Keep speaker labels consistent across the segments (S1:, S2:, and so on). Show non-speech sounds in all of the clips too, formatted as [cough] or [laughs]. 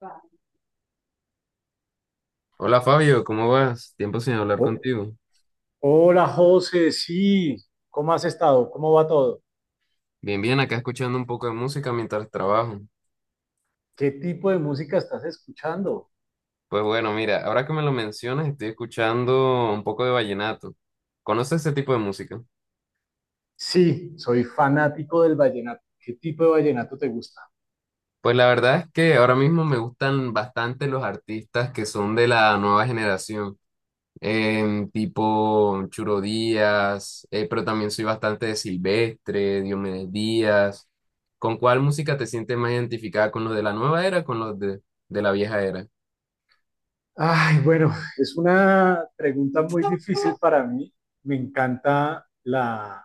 S1: Va. Hola Fabio, ¿cómo vas? Tiempo sin hablar
S2: Oh,
S1: contigo.
S2: hola José, sí, ¿cómo has estado? ¿Cómo va todo?
S1: Bien, bien, acá escuchando un poco de música mientras trabajo.
S2: ¿Qué tipo de música estás escuchando?
S1: Pues bueno, mira, ahora que me lo mencionas, estoy escuchando un poco de vallenato. ¿Conoces ese tipo de música?
S2: Sí, soy fanático del vallenato. ¿Qué tipo de vallenato te gusta?
S1: Pues la verdad es que ahora mismo me gustan bastante los artistas que son de la nueva generación, tipo Churo Díaz, pero también soy bastante de Silvestre, Diomedes Díaz. ¿Con cuál música te sientes más identificada? ¿Con los de la nueva era o con los de la vieja era?
S2: Ay, bueno, es una pregunta muy difícil para mí. Me encanta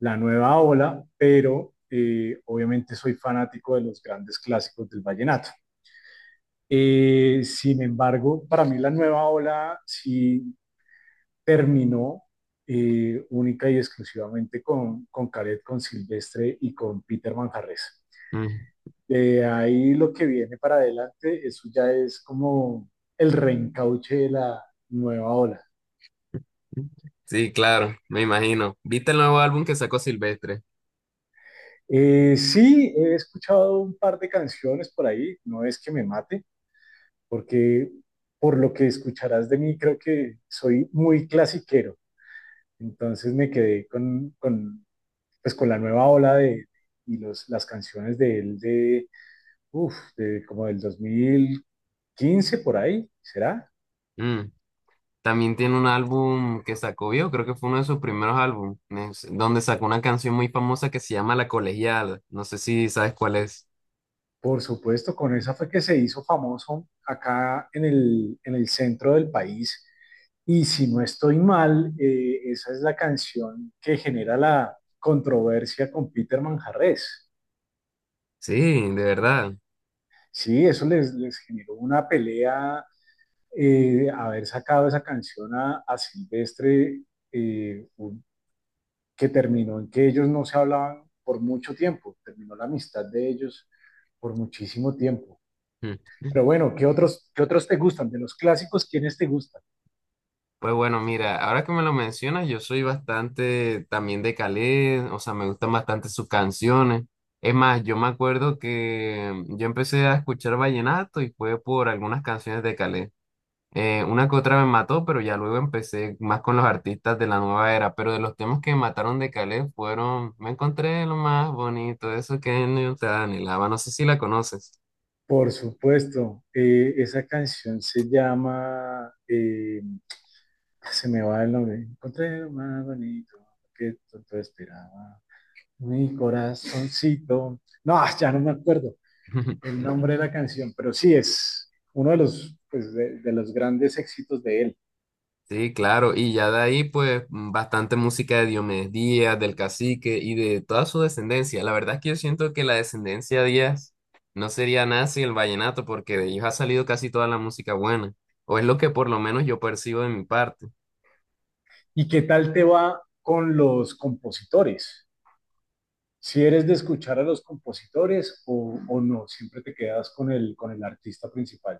S2: la nueva ola, pero obviamente soy fanático de los grandes clásicos del vallenato. Sin embargo, para mí la nueva ola sí terminó única y exclusivamente con Caret, con Silvestre y con Peter Manjarres.
S1: Mm.
S2: De ahí lo que viene para adelante, eso ya es como el reencauche de la nueva ola.
S1: Sí, claro, me imagino. ¿Viste el nuevo álbum que sacó Silvestre?
S2: Sí, he escuchado un par de canciones por ahí, no es que me mate, porque por lo que escucharás de mí, creo que soy muy clasiquero, entonces me quedé pues, con la nueva ola de, y las canciones de él de Uf, de como del 2015 por ahí, ¿será?
S1: Mm. También tiene un álbum que sacó, yo creo que fue uno de sus primeros álbumes, donde sacó una canción muy famosa que se llama La Colegiala. No sé si sabes cuál es.
S2: Por supuesto, con esa fue que se hizo famoso acá en en el centro del país. Y si no estoy mal, esa es la canción que genera la controversia con Peter Manjarrés.
S1: Sí, de verdad.
S2: Sí, eso les generó una pelea haber sacado esa canción a Silvestre, eh, que terminó en que ellos no se hablaban por mucho tiempo, terminó la amistad de ellos por muchísimo tiempo.
S1: Mm.
S2: Pero bueno, ¿qué otros te gustan? De los clásicos, ¿quiénes te gustan?
S1: Pues bueno, mira, ahora que me lo mencionas, yo soy bastante también de Calé, o sea, me gustan bastante sus canciones. Es más, yo me acuerdo que yo empecé a escuchar vallenato y fue por algunas canciones de Calé. Una que otra me mató, pero ya luego empecé más con los artistas de la nueva era. Pero de los temas que me mataron de Calé fueron, me encontré lo más bonito, eso que no te anhelaba. No sé si la conoces.
S2: Por supuesto, esa canción se llama, se me va el nombre, encontré lo más bonito que tanto esperaba, mi corazoncito, no, ah, ya no me acuerdo
S1: [laughs]
S2: el nombre de la canción, pero sí es uno de los, pues, de los grandes éxitos de él.
S1: Sí, claro. Y ya de ahí, pues, mm, bastante música de Diomedes Díaz, del cacique y de toda su descendencia. La verdad es que yo siento que la descendencia Díaz no sería nada sin el vallenato, porque de ellos ha salido casi toda la música buena. O es lo que por lo menos yo percibo de mi parte.
S2: ¿Y qué tal te va con los compositores? Si eres de escuchar a los compositores o no, siempre te quedas con con el artista principal.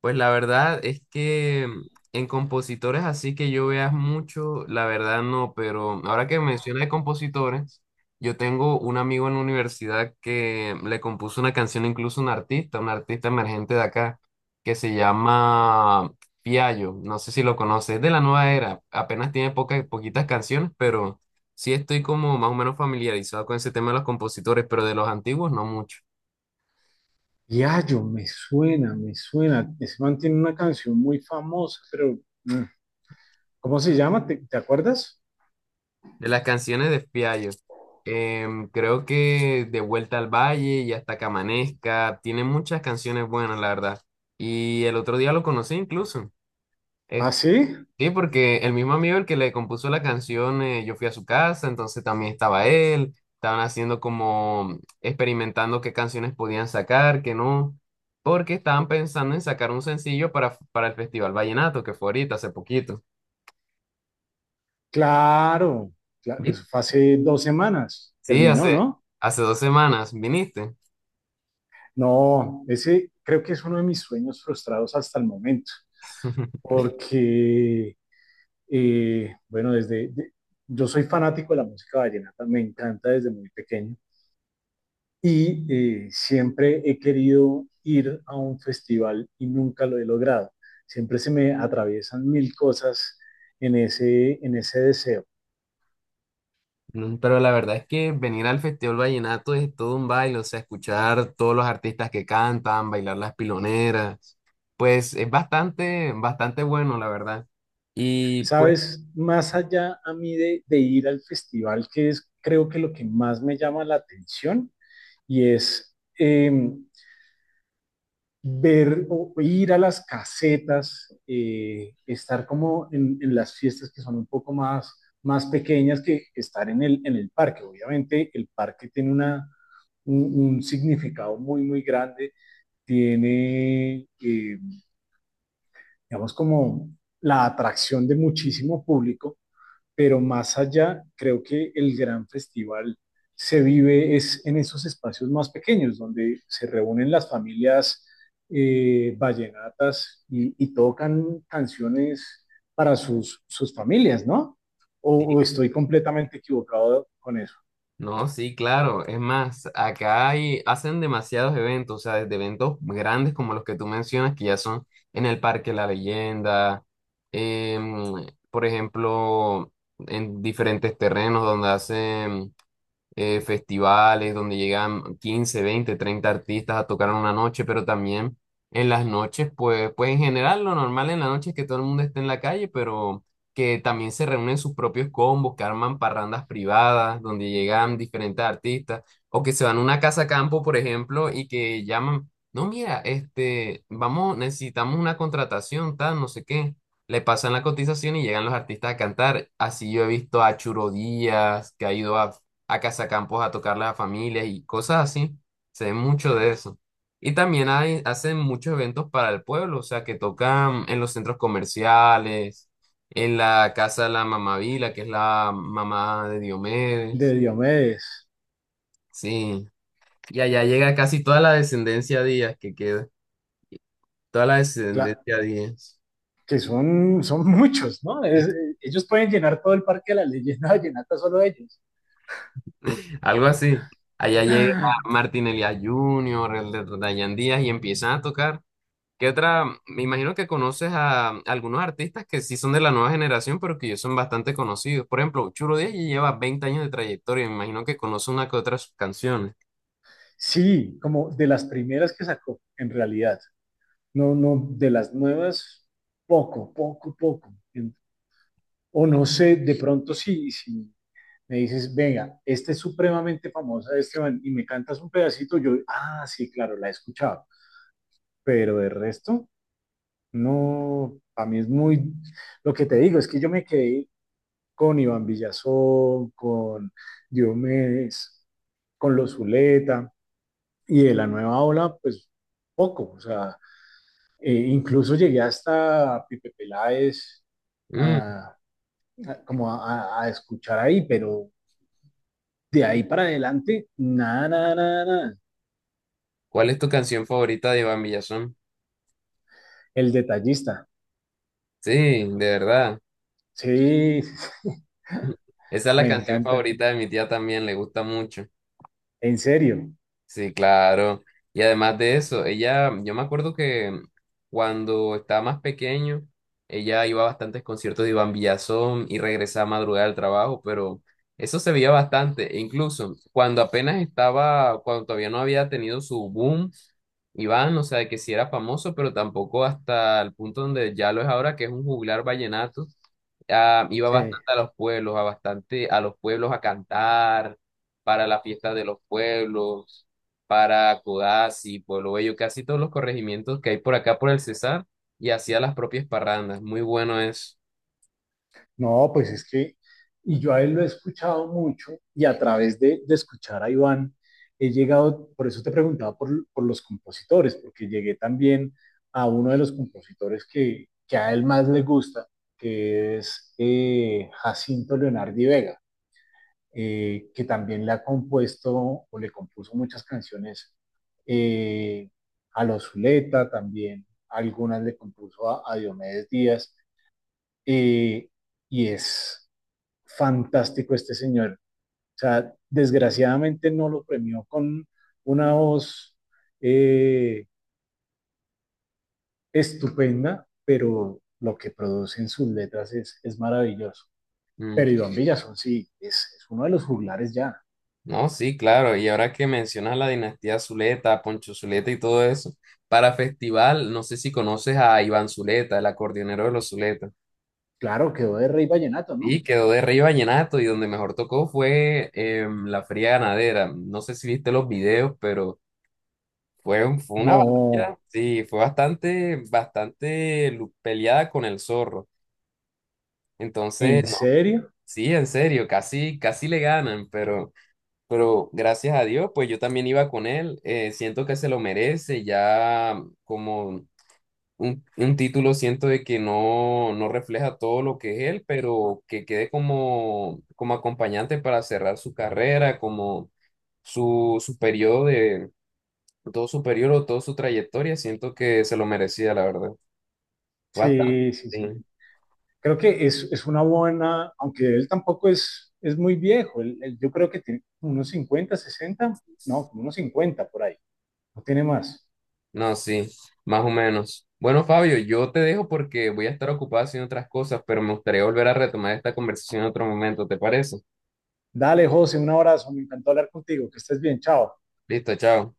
S1: Pues la verdad es que en compositores así que yo veas mucho, la verdad no, pero ahora que menciona de compositores, yo tengo un amigo en la universidad que le compuso una canción incluso a un artista emergente de acá, que se llama Piallo, no sé si lo conoces, es de la nueva era, apenas tiene pocas, poquitas canciones, pero sí estoy como más o menos familiarizado con ese tema de los compositores, pero de los antiguos no mucho.
S2: Yayo, me suena, me suena. Ese man tiene una canción muy famosa, pero mm, ¿cómo se llama? ¿Te acuerdas?
S1: De las canciones de Fiallo, creo que De Vuelta al Valle y Hasta que amanezca, tiene muchas canciones buenas, la verdad. Y el otro día lo conocí incluso.
S2: Ah,
S1: Eh,
S2: sí,
S1: sí, porque el mismo amigo el que le compuso la canción, yo fui a su casa, entonces también estaba él. Estaban haciendo como experimentando qué canciones podían sacar, qué no, porque estaban pensando en sacar un sencillo para el Festival Vallenato, que fue ahorita, hace poquito.
S2: claro.
S1: Vi-
S2: Eso fue hace 2 semanas.
S1: Sí. Mm.
S2: Terminó,
S1: Hace,
S2: ¿no?
S1: hace 2 semanas viniste.
S2: No, ese creo que es uno de mis sueños frustrados hasta el momento,
S1: [laughs]
S2: porque bueno, yo soy fanático de la música vallenata, me encanta desde muy pequeño y siempre he querido ir a un festival y nunca lo he logrado. Siempre se me atraviesan 1000 cosas en en ese deseo.
S1: Mm. Pero la verdad es que venir al Festival Vallenato es todo un baile, o sea, escuchar todos los artistas que cantan, bailar las piloneras, pues es bastante, bastante bueno, la verdad. Y pues,
S2: Sabes, más allá a mí de ir al festival, que es creo que lo que más me llama la atención y es ver o ir a las casetas, estar como en las fiestas que son un poco más, más pequeñas que estar en en el parque. Obviamente el parque tiene una, un significado muy, muy grande, tiene, digamos, como la atracción de muchísimo público, pero más allá, creo que el gran festival se vive es en esos espacios más pequeños, donde se reúnen las familias vallenatas y, tocan canciones para sus, sus familias, ¿no?
S1: sí,
S2: O estoy completamente equivocado con eso.
S1: no, sí, claro, es más, acá hay, hacen demasiados eventos, o sea, desde eventos grandes como los que tú mencionas, que ya son en el Parque La Leyenda, em, por ejemplo, en diferentes terrenos donde hacen festivales donde llegan 15, 20, 30 artistas a tocar en una noche, pero también en las noches, pues, pues en general lo normal en la noche es que todo el mundo esté en la calle, pero que también se reúnen sus propios combos, que arman parrandas privadas donde llegan diferentes artistas, o que se van a una casa campo, por ejemplo, y que llaman, no, mira, este, vamos, necesitamos una contratación, tal, no sé qué. Le pasan la cotización y llegan los artistas a cantar. Así yo he visto a Churo Díaz, que ha ido a campos a tocarle a familias y cosas así. Se ve mucho de eso. Y también hay, hacen muchos eventos para el pueblo, o sea, que tocan en los centros comerciales, en la casa de la mamá Vila, que es la mamá de
S2: De
S1: Diomedes.
S2: Diomedes,
S1: Sí. Y allá llega casi toda la descendencia Díaz que queda, toda la
S2: claro,
S1: descendencia Díaz.
S2: que son, son muchos, ¿no? Es, ellos pueden llenar todo el parque de la leyenda vallenata solo ellos.
S1: Algo así. Allá llega Martín Elías Jr., el de Dayan Díaz, y empiezan a tocar. ¿Qué otra? Me imagino que conoces a algunos artistas que sí son de la nueva generación, pero que ya son bastante conocidos. Por ejemplo, Churo Díaz ya lleva 20 años de trayectoria. Me imagino que conoce una que otra de sus canciones.
S2: Sí, como de las primeras que sacó, en realidad. No, no, de las nuevas, poco, poco, poco. O no sé, de pronto sí si me dices, venga, esta es supremamente famosa, Esteban, y me cantas un pedacito, yo, ah, sí, claro, la he escuchado. Pero de resto, no, a mí es muy, lo que te digo es que yo me quedé con Iván Villazón, con Diomedes, con los Zuleta, y de la nueva ola, pues poco, o sea, incluso llegué hasta Pipe Peláez
S1: Mm.
S2: a, como a escuchar ahí, pero de ahí para adelante, nada, nada, nada, nada.
S1: ¿Cuál es tu canción favorita de Iván Villazón?
S2: El detallista,
S1: Sí, de verdad.
S2: sí,
S1: [laughs] Esa es
S2: [laughs]
S1: la
S2: me
S1: canción
S2: encanta,
S1: favorita de mi tía también, le gusta mucho.
S2: en serio,
S1: Sí, claro. Y además de eso, ella, yo me acuerdo que cuando estaba más pequeño, ella iba a bastantes conciertos de Iván Villazón y regresaba a madrugada al trabajo, pero eso se veía bastante. E incluso cuando apenas estaba, cuando todavía no había tenido su boom, Iván, o sea, que sí era famoso, pero tampoco hasta el punto donde ya lo es ahora, que es un juglar vallenato, iba
S2: sí.
S1: bastante a los pueblos, a bastante a los pueblos a cantar para la fiesta de los pueblos, para Codazzi, Pueblo Bello, casi todos los corregimientos que hay por acá por el Cesar, y hacía las propias parrandas. Muy bueno eso.
S2: No, pues es que, y yo a él lo he escuchado mucho y a través de escuchar a Iván, he llegado, por eso te preguntaba por los compositores, porque llegué también a uno de los compositores que a él más le gusta, que es Jacinto Leonardi Vega, que también le ha compuesto o le compuso muchas canciones eh, a los Zuleta, también algunas le compuso a Diomedes Díaz, eh, y es fantástico este señor. O sea, desgraciadamente no lo premió con una voz eh, estupenda, pero lo que produce en sus letras es maravilloso.
S1: Mm.
S2: Pero Iván Villazón sí, es uno de los juglares ya.
S1: No, sí, claro. Y ahora que mencionas la dinastía Zuleta, Poncho Zuleta y todo eso, para festival, no sé si conoces a Iván Zuleta, el acordeonero de los Zuleta.
S2: Claro, quedó de Rey Vallenato, ¿no?
S1: Y quedó de rey vallenato, y donde mejor tocó fue la Feria Ganadera. No sé si viste los videos, pero fue, fue una
S2: No,
S1: batalla. Sí, fue bastante, peleada con el zorro. Entonces,
S2: ¿en
S1: no,
S2: serio?
S1: sí, en serio, casi, casi le ganan, pero gracias a Dios, pues yo también iba con él, siento que se lo merece, ya como un título, siento de que no, no refleja todo lo que es él, pero que quede como, como acompañante para cerrar su carrera, como su periodo de, todo su periodo, toda su trayectoria, siento que se lo merecía, la verdad. Bastante.
S2: Sí, sí, sí. Creo que es una buena, aunque él tampoco es, es muy viejo, yo creo que tiene unos 50, 60, no, como unos 50 por ahí, no tiene más.
S1: No, sí, más o menos. Bueno, Fabio, yo te dejo porque voy a estar ocupado haciendo otras cosas, pero me gustaría volver a retomar esta conversación en otro momento, ¿te parece?
S2: Dale, José, un abrazo, me encantó hablar contigo, que estés bien, chao.
S1: Listo, chao.